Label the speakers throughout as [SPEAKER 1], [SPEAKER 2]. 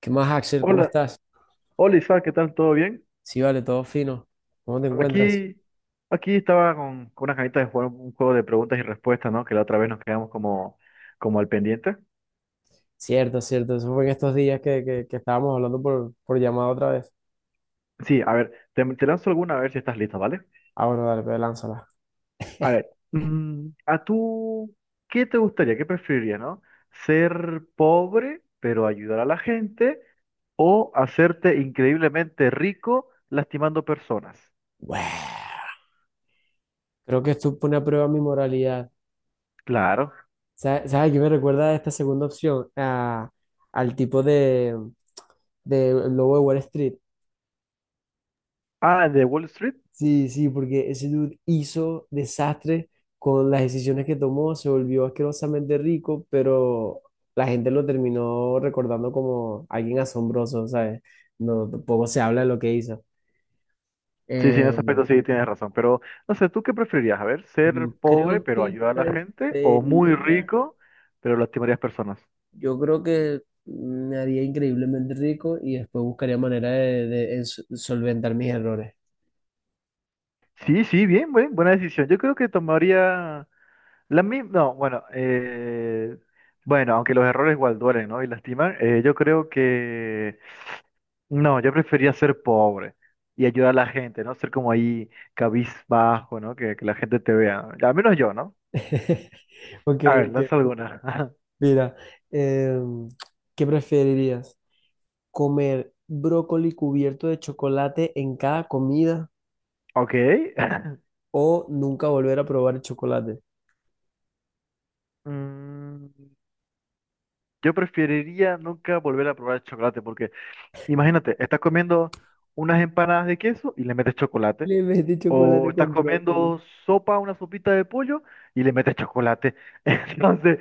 [SPEAKER 1] ¿Qué más, Axel? ¿Cómo
[SPEAKER 2] Hola,
[SPEAKER 1] estás?
[SPEAKER 2] hola Isaac, ¿qué tal? ¿Todo bien?
[SPEAKER 1] Sí, vale, todo fino. ¿Cómo te encuentras?
[SPEAKER 2] Aquí, aquí estaba con unas ganitas de jugar un juego de preguntas y respuestas, ¿no? Que la otra vez nos quedamos como al pendiente.
[SPEAKER 1] Cierto, cierto. Eso fue en estos días que estábamos hablando por llamada otra vez.
[SPEAKER 2] Sí, a ver, te lanzo alguna a ver si estás lista, ¿vale?
[SPEAKER 1] Ah, bueno, dale, pues lánzala.
[SPEAKER 2] A ver, ¿a tú qué te gustaría, qué preferirías, ¿no? ¿Ser pobre pero ayudar a la gente o hacerte increíblemente rico lastimando personas?
[SPEAKER 1] Bueh. Creo que esto pone a prueba mi moralidad.
[SPEAKER 2] Claro.
[SPEAKER 1] ¿Sabes qué me recuerda a esta segunda opción? Al tipo de Lobo de Wall Street.
[SPEAKER 2] Ah, de Wall Street.
[SPEAKER 1] Sí, sí, porque ese dude hizo desastre con las decisiones que tomó, se volvió asquerosamente rico, pero la gente lo terminó recordando como alguien asombroso, ¿sabes? No, tampoco se habla de lo que hizo.
[SPEAKER 2] Sí, sí, en
[SPEAKER 1] Eh,
[SPEAKER 2] ese aspecto sí tienes razón, pero no sé, ¿tú qué preferirías? A ver, ser
[SPEAKER 1] yo
[SPEAKER 2] pobre
[SPEAKER 1] creo
[SPEAKER 2] pero
[SPEAKER 1] que
[SPEAKER 2] ayudar a la gente o muy
[SPEAKER 1] preferiría,
[SPEAKER 2] rico pero lastimarías personas.
[SPEAKER 1] yo creo que me haría increíblemente rico y después buscaría manera de solventar mis errores.
[SPEAKER 2] Sí, sí, bien, buena decisión. Yo creo que tomaría la misma, no, bueno, bueno, aunque los errores igual duelen, ¿no? Y lastiman, yo creo que no, yo prefería ser pobre y ayudar a la gente, ¿no? Ser como ahí cabizbajo, ¿no? Que la gente te vea, al menos yo, ¿no?
[SPEAKER 1] Ok,
[SPEAKER 2] A ver,
[SPEAKER 1] ok.
[SPEAKER 2] lanza alguna.
[SPEAKER 1] Mira, em, ¿qué preferirías? Comer brócoli cubierto de chocolate en cada comida
[SPEAKER 2] Ok.
[SPEAKER 1] o nunca volver a probar el chocolate.
[SPEAKER 2] Mm, Yo preferiría nunca volver a probar el chocolate porque imagínate, estás comiendo unas empanadas de queso y le metes chocolate,
[SPEAKER 1] Le mete
[SPEAKER 2] o
[SPEAKER 1] chocolate
[SPEAKER 2] estás
[SPEAKER 1] con brócoli.
[SPEAKER 2] comiendo sopa, una sopita de pollo y le metes chocolate. Entonces,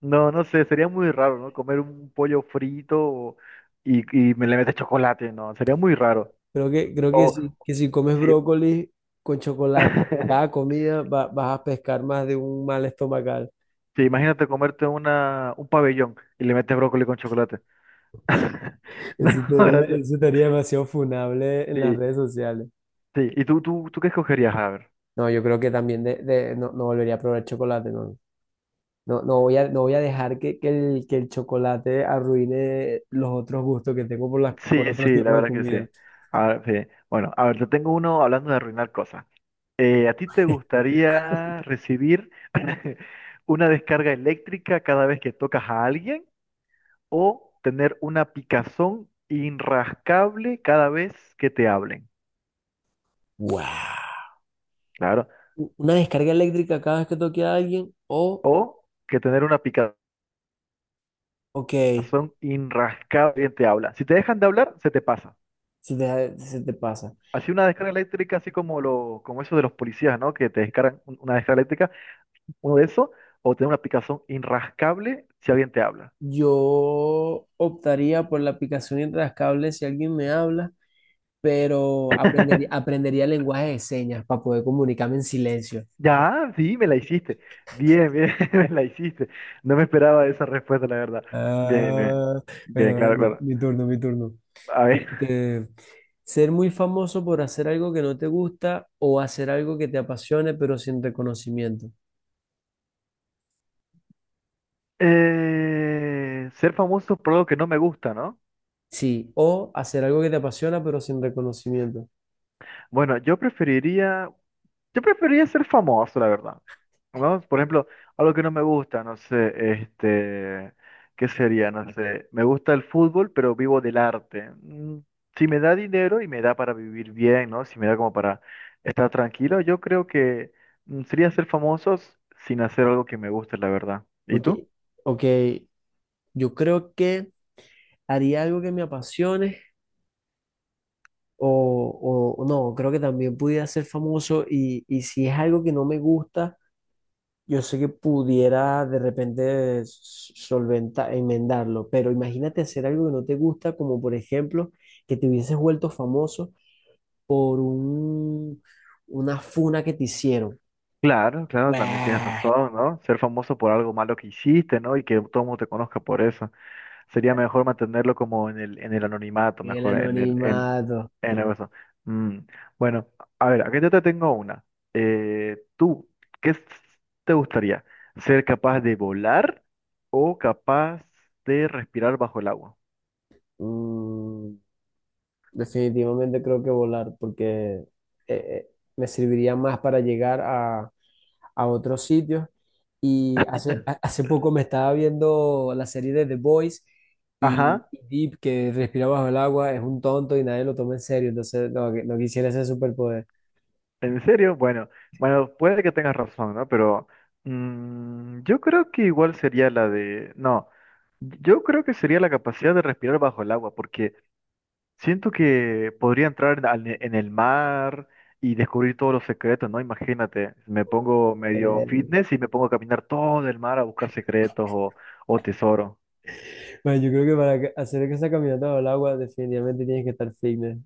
[SPEAKER 2] no, no sé, sería muy raro, ¿no? Comer un pollo frito y, y me le metes chocolate, no, sería muy raro.
[SPEAKER 1] Creo que
[SPEAKER 2] O
[SPEAKER 1] sí, que si comes
[SPEAKER 2] sí,
[SPEAKER 1] brócoli con chocolate en cada comida vas a pescar más de un mal estomacal.
[SPEAKER 2] sí, imagínate comerte una, un pabellón y le metes brócoli con chocolate. No,
[SPEAKER 1] Eso estaría,
[SPEAKER 2] gracias.
[SPEAKER 1] eso estaría demasiado funable en
[SPEAKER 2] Sí,
[SPEAKER 1] las redes sociales.
[SPEAKER 2] sí. ¿Y tú qué escogerías? A ver.
[SPEAKER 1] No, yo creo que también no, no volvería a probar chocolate, no. No, no voy a dejar que el chocolate arruine los otros gustos que tengo por por
[SPEAKER 2] Sí,
[SPEAKER 1] otro
[SPEAKER 2] sí, la
[SPEAKER 1] tipo de
[SPEAKER 2] verdad que sí.
[SPEAKER 1] comida.
[SPEAKER 2] A ver, sí. Bueno, a ver, yo tengo uno hablando de arruinar cosas. ¿A ti te gustaría recibir una descarga eléctrica cada vez que tocas a alguien o tener una picazón inrascable cada vez que te hablen?
[SPEAKER 1] Wow.
[SPEAKER 2] Claro.
[SPEAKER 1] Una descarga eléctrica cada vez que toque a alguien o,
[SPEAKER 2] O que tener una picazón
[SPEAKER 1] ok,
[SPEAKER 2] inrascable quien te habla. Si te dejan de hablar, se te pasa.
[SPEAKER 1] se te pasa.
[SPEAKER 2] Así una descarga eléctrica, así como lo, como eso de los policías, ¿no? Que te descargan una descarga eléctrica uno de esos, o tener una picazón inrascable si alguien te habla.
[SPEAKER 1] Yo optaría por la aplicación intrascable si alguien me habla, pero aprendería, aprendería lenguaje de señas para poder comunicarme en silencio.
[SPEAKER 2] Ya, sí, me la hiciste. Bien, bien, me la hiciste. No me esperaba esa respuesta, la verdad. Bien, bien.
[SPEAKER 1] Ah,
[SPEAKER 2] Bien,
[SPEAKER 1] bueno,
[SPEAKER 2] claro,
[SPEAKER 1] mi,
[SPEAKER 2] claro.
[SPEAKER 1] mi turno, mi turno.
[SPEAKER 2] A ver.
[SPEAKER 1] Este, ser muy famoso por hacer algo que no te gusta o hacer algo que te apasione pero sin reconocimiento.
[SPEAKER 2] Ser famoso por algo que no me gusta, ¿no?
[SPEAKER 1] Sí, o hacer algo que te apasiona pero sin reconocimiento.
[SPEAKER 2] Bueno, yo preferiría, yo preferiría ser famoso, la verdad. ¿No? Por ejemplo, algo que no me gusta, no sé, este, ¿qué sería? No sé, me gusta el fútbol, pero vivo del arte. Si me da dinero y me da para vivir bien, ¿no? Si me da como para estar tranquilo, yo creo que sería ser famosos sin hacer algo que me guste, la verdad. ¿Y tú?
[SPEAKER 1] Porque, ok, yo creo que haría algo que me apasione o no, creo que también pudiera ser famoso y si es algo que no me gusta, yo sé que pudiera de repente solventar, enmendarlo, pero imagínate hacer algo que no te gusta, como por ejemplo que te hubieses vuelto famoso por una funa que te hicieron.
[SPEAKER 2] Claro, claro, también tienes
[SPEAKER 1] ¡Bueh!
[SPEAKER 2] razón, ¿no? Ser famoso por algo malo que hiciste, ¿no? Y que todo el mundo te conozca por eso. Sería mejor mantenerlo como en el anonimato,
[SPEAKER 1] El
[SPEAKER 2] mejor
[SPEAKER 1] anonimato.
[SPEAKER 2] en algo eso. Mm, Bueno, a ver, aquí yo te tengo una. ¿Tú qué s- te gustaría? ¿Ser capaz de volar o capaz de respirar bajo el agua?
[SPEAKER 1] Mm, definitivamente creo que volar, porque eh, eh, me serviría más para llegar a otros sitios. Y hace, ha- hace poco me estaba viendo la serie de The Boys y,
[SPEAKER 2] Ajá,
[SPEAKER 1] y Deep, que respira bajo el agua, es un tonto y nadie lo toma en serio. Entonces, no, no quisiera ese superpoder.
[SPEAKER 2] ¿en serio? Bueno, bueno, puede que tengas razón, ¿no? Pero yo creo que igual sería la de... No, yo creo que sería la capacidad de respirar bajo el agua, porque siento que podría entrar en el mar y descubrir todos los secretos, ¿no? Imagínate, me pongo medio
[SPEAKER 1] Eh,
[SPEAKER 2] fitness y me pongo a caminar todo el mar a buscar secretos o tesoro.
[SPEAKER 1] bueno, yo creo que para hacer esa caminata bajo el agua, definitivamente tienes que estar fitness.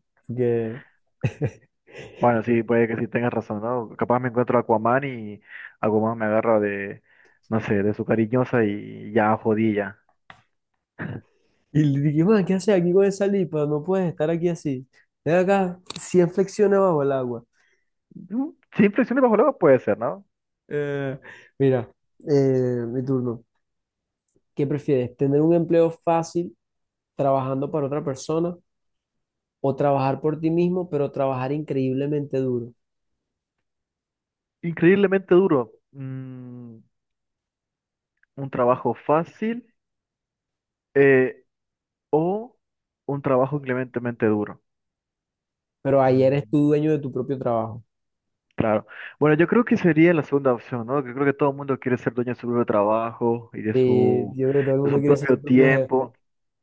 [SPEAKER 2] Bueno, sí, puede que sí tengas razón, ¿no? Capaz me encuentro a Aquaman y Aquaman me agarra de, no sé, de su cariñosa y ya jodí ya.
[SPEAKER 1] Y le dije, man, ¿qué haces aquí con esa lipa? No puedes estar aquí así. Ven acá, 100 flexiones bajo el agua.
[SPEAKER 2] Mm, Sin flexiones bajo el agua puede ser, ¿no?
[SPEAKER 1] Eh, mira, mi turno. ¿Qué prefieres? ¿Tener un empleo fácil trabajando para otra persona o trabajar por ti mismo, pero trabajar increíblemente duro?
[SPEAKER 2] Increíblemente duro. Un trabajo fácil eh, o un trabajo increíblemente duro.
[SPEAKER 1] Pero ahí eres
[SPEAKER 2] Mm.
[SPEAKER 1] tú dueño de tu propio trabajo.
[SPEAKER 2] Claro. Bueno, yo creo que sería la segunda opción, ¿no? Que creo que todo el mundo quiere ser dueño de su propio trabajo y
[SPEAKER 1] Yo creo que todo el
[SPEAKER 2] de
[SPEAKER 1] mundo
[SPEAKER 2] su
[SPEAKER 1] quiere ser su
[SPEAKER 2] propio
[SPEAKER 1] propio jefe.
[SPEAKER 2] tiempo.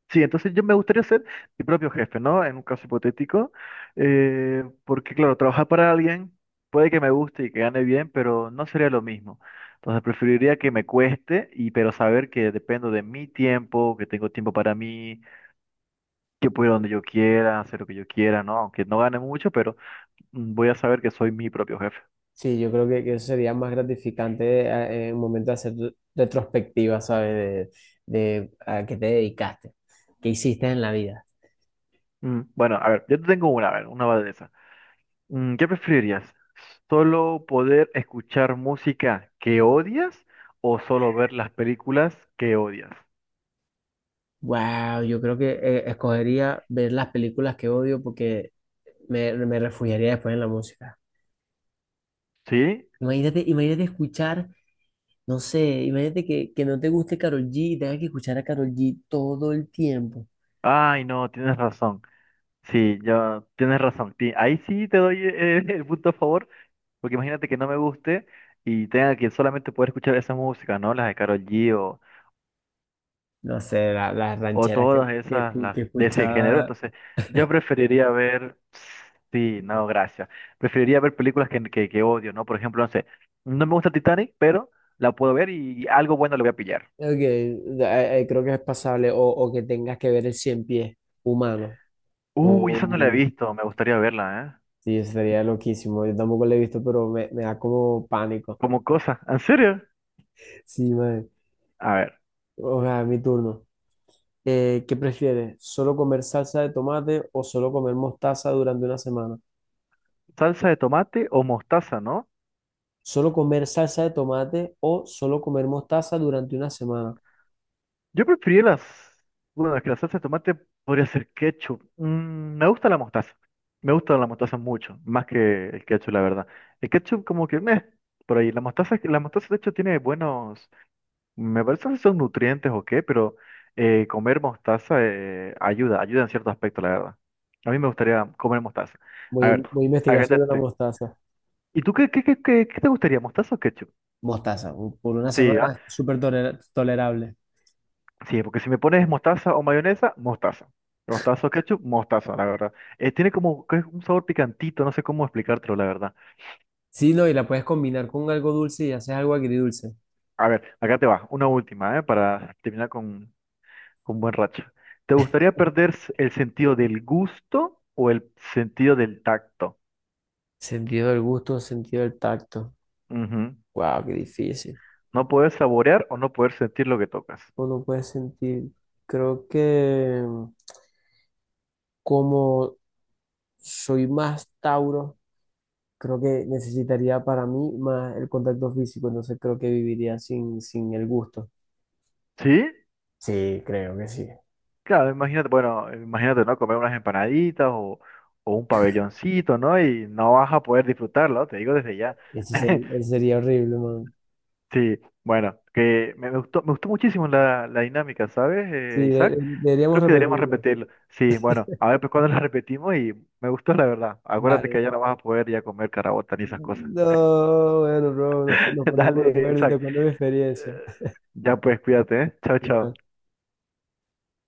[SPEAKER 2] Sí, entonces yo me gustaría ser mi propio jefe, ¿no? En un caso hipotético. Porque, claro, trabajar para alguien puede que me guste y que gane bien, pero no sería lo mismo. Entonces preferiría que me cueste, y, pero saber que dependo de mi tiempo, que tengo tiempo para mí, que puedo ir donde yo quiera, hacer lo que yo quiera, ¿no? Aunque no gane mucho, pero voy a saber que soy mi propio jefe.
[SPEAKER 1] Sí, yo creo que, eso sería más gratificante en un momento de hacer retrospectiva, ¿sabes? De, de a qué te dedicaste, qué hiciste en la vida.
[SPEAKER 2] Bueno, a ver, yo te tengo una, a ver, una va de esa. ¿Qué preferirías? ¿Solo poder escuchar música que odias o solo ver las películas que odias?
[SPEAKER 1] Wow, yo creo que escogería ver las películas que odio porque me refugiaría después en la música.
[SPEAKER 2] ¿Sí?
[SPEAKER 1] Imagínate escuchar, no sé, imagínate que no te guste Karol G y tengas que escuchar a Karol G todo el tiempo.
[SPEAKER 2] Ay, no, tienes razón. Sí, ya tienes razón. Ahí sí te doy el punto a favor, porque imagínate que no me guste y tenga que solamente poder escuchar esa música, ¿no? Las de Karol G
[SPEAKER 1] No sé, las
[SPEAKER 2] o
[SPEAKER 1] rancheras que,
[SPEAKER 2] todas
[SPEAKER 1] que,
[SPEAKER 2] esas
[SPEAKER 1] escu-
[SPEAKER 2] las
[SPEAKER 1] que
[SPEAKER 2] de ese género.
[SPEAKER 1] escuchaba.
[SPEAKER 2] Entonces, yo preferiría ver, sí, no, gracias. Preferiría ver películas que odio, ¿no? Por ejemplo, no sé, no me gusta Titanic, pero la puedo ver y algo bueno le voy a pillar.
[SPEAKER 1] Ok, creo que es pasable o que tengas que ver el cien pies humano.
[SPEAKER 2] Uy, esa
[SPEAKER 1] O,
[SPEAKER 2] no la he visto, me gustaría verla, ¿eh?
[SPEAKER 1] sí, sería loquísimo. Yo tampoco lo he visto, pero me da como pánico.
[SPEAKER 2] Como cosa, ¿en serio?
[SPEAKER 1] Sí, man.
[SPEAKER 2] A ver,
[SPEAKER 1] O sea, mi turno. ¿Qué prefieres? ¿Solo comer salsa de tomate o solo comer mostaza durante una semana?
[SPEAKER 2] salsa de tomate o mostaza, ¿no?
[SPEAKER 1] ¿Solo comer salsa de tomate o solo comer mostaza durante una semana?
[SPEAKER 2] Yo prefería las... Bueno, es que la salsa de tomate podría ser ketchup. Me gusta la mostaza. Me gusta la mostaza mucho, más que el ketchup, la verdad. El ketchup como que meh, por ahí. La mostaza de hecho tiene buenos... Me parece que son nutrientes o qué, pero comer mostaza ayuda, ayuda en cierto aspecto, la verdad. A mí me gustaría comer mostaza. A
[SPEAKER 1] Voy, a-
[SPEAKER 2] ver,
[SPEAKER 1] voy a investigar sobre la
[SPEAKER 2] agárrate.
[SPEAKER 1] mostaza.
[SPEAKER 2] ¿Y tú qué te gustaría, mostaza o ketchup?
[SPEAKER 1] Mostaza, por una
[SPEAKER 2] Sí, ¿ah?
[SPEAKER 1] semana, súper tolerable.
[SPEAKER 2] Sí, porque si me pones mostaza o mayonesa, mostaza. Mostaza o ketchup, mostaza, la verdad. Tiene como que es un sabor picantito, no sé cómo explicártelo, la verdad.
[SPEAKER 1] Sí, no, y la puedes combinar con algo dulce y haces algo agridulce.
[SPEAKER 2] A ver, acá te va, una última, ¿eh? Para terminar con buen racha. ¿Te gustaría perder el sentido del gusto o el sentido del tacto?
[SPEAKER 1] Sentido del gusto, sentido del tacto.
[SPEAKER 2] Ujú.
[SPEAKER 1] Wow, qué difícil.
[SPEAKER 2] No poder saborear o no poder sentir lo que tocas.
[SPEAKER 1] Uno puede sentir, creo que como soy más Tauro, creo que necesitaría para mí más el contacto físico, entonces creo que viviría sin el gusto.
[SPEAKER 2] ¿Sí?
[SPEAKER 1] Sí, creo que sí.
[SPEAKER 2] Claro, imagínate, bueno, imagínate, ¿no? Comer unas empanaditas o un pabelloncito, ¿no? Y no vas a poder disfrutarlo, te digo desde ya.
[SPEAKER 1] Ese sería, ese sería horrible, man.
[SPEAKER 2] Sí, bueno, que me gustó, me gustó muchísimo la, la dinámica, ¿sabes,
[SPEAKER 1] Sí, de-
[SPEAKER 2] Isaac? Yo
[SPEAKER 1] deberíamos
[SPEAKER 2] creo que deberíamos
[SPEAKER 1] repetirlo.
[SPEAKER 2] repetirlo. Sí, bueno, a ver pues cuando la repetimos y me gustó la verdad. Acuérdate que
[SPEAKER 1] Dale.
[SPEAKER 2] ya no vas a poder ya comer carabota ni esas cosas.
[SPEAKER 1] No, bueno, bro, nos ponemos de
[SPEAKER 2] Dale,
[SPEAKER 1] acuerdo y
[SPEAKER 2] Isaac.
[SPEAKER 1] te cuento mi experiencia.
[SPEAKER 2] Ya pues, cuídate, ¿eh? Chao, chao.
[SPEAKER 1] Igual.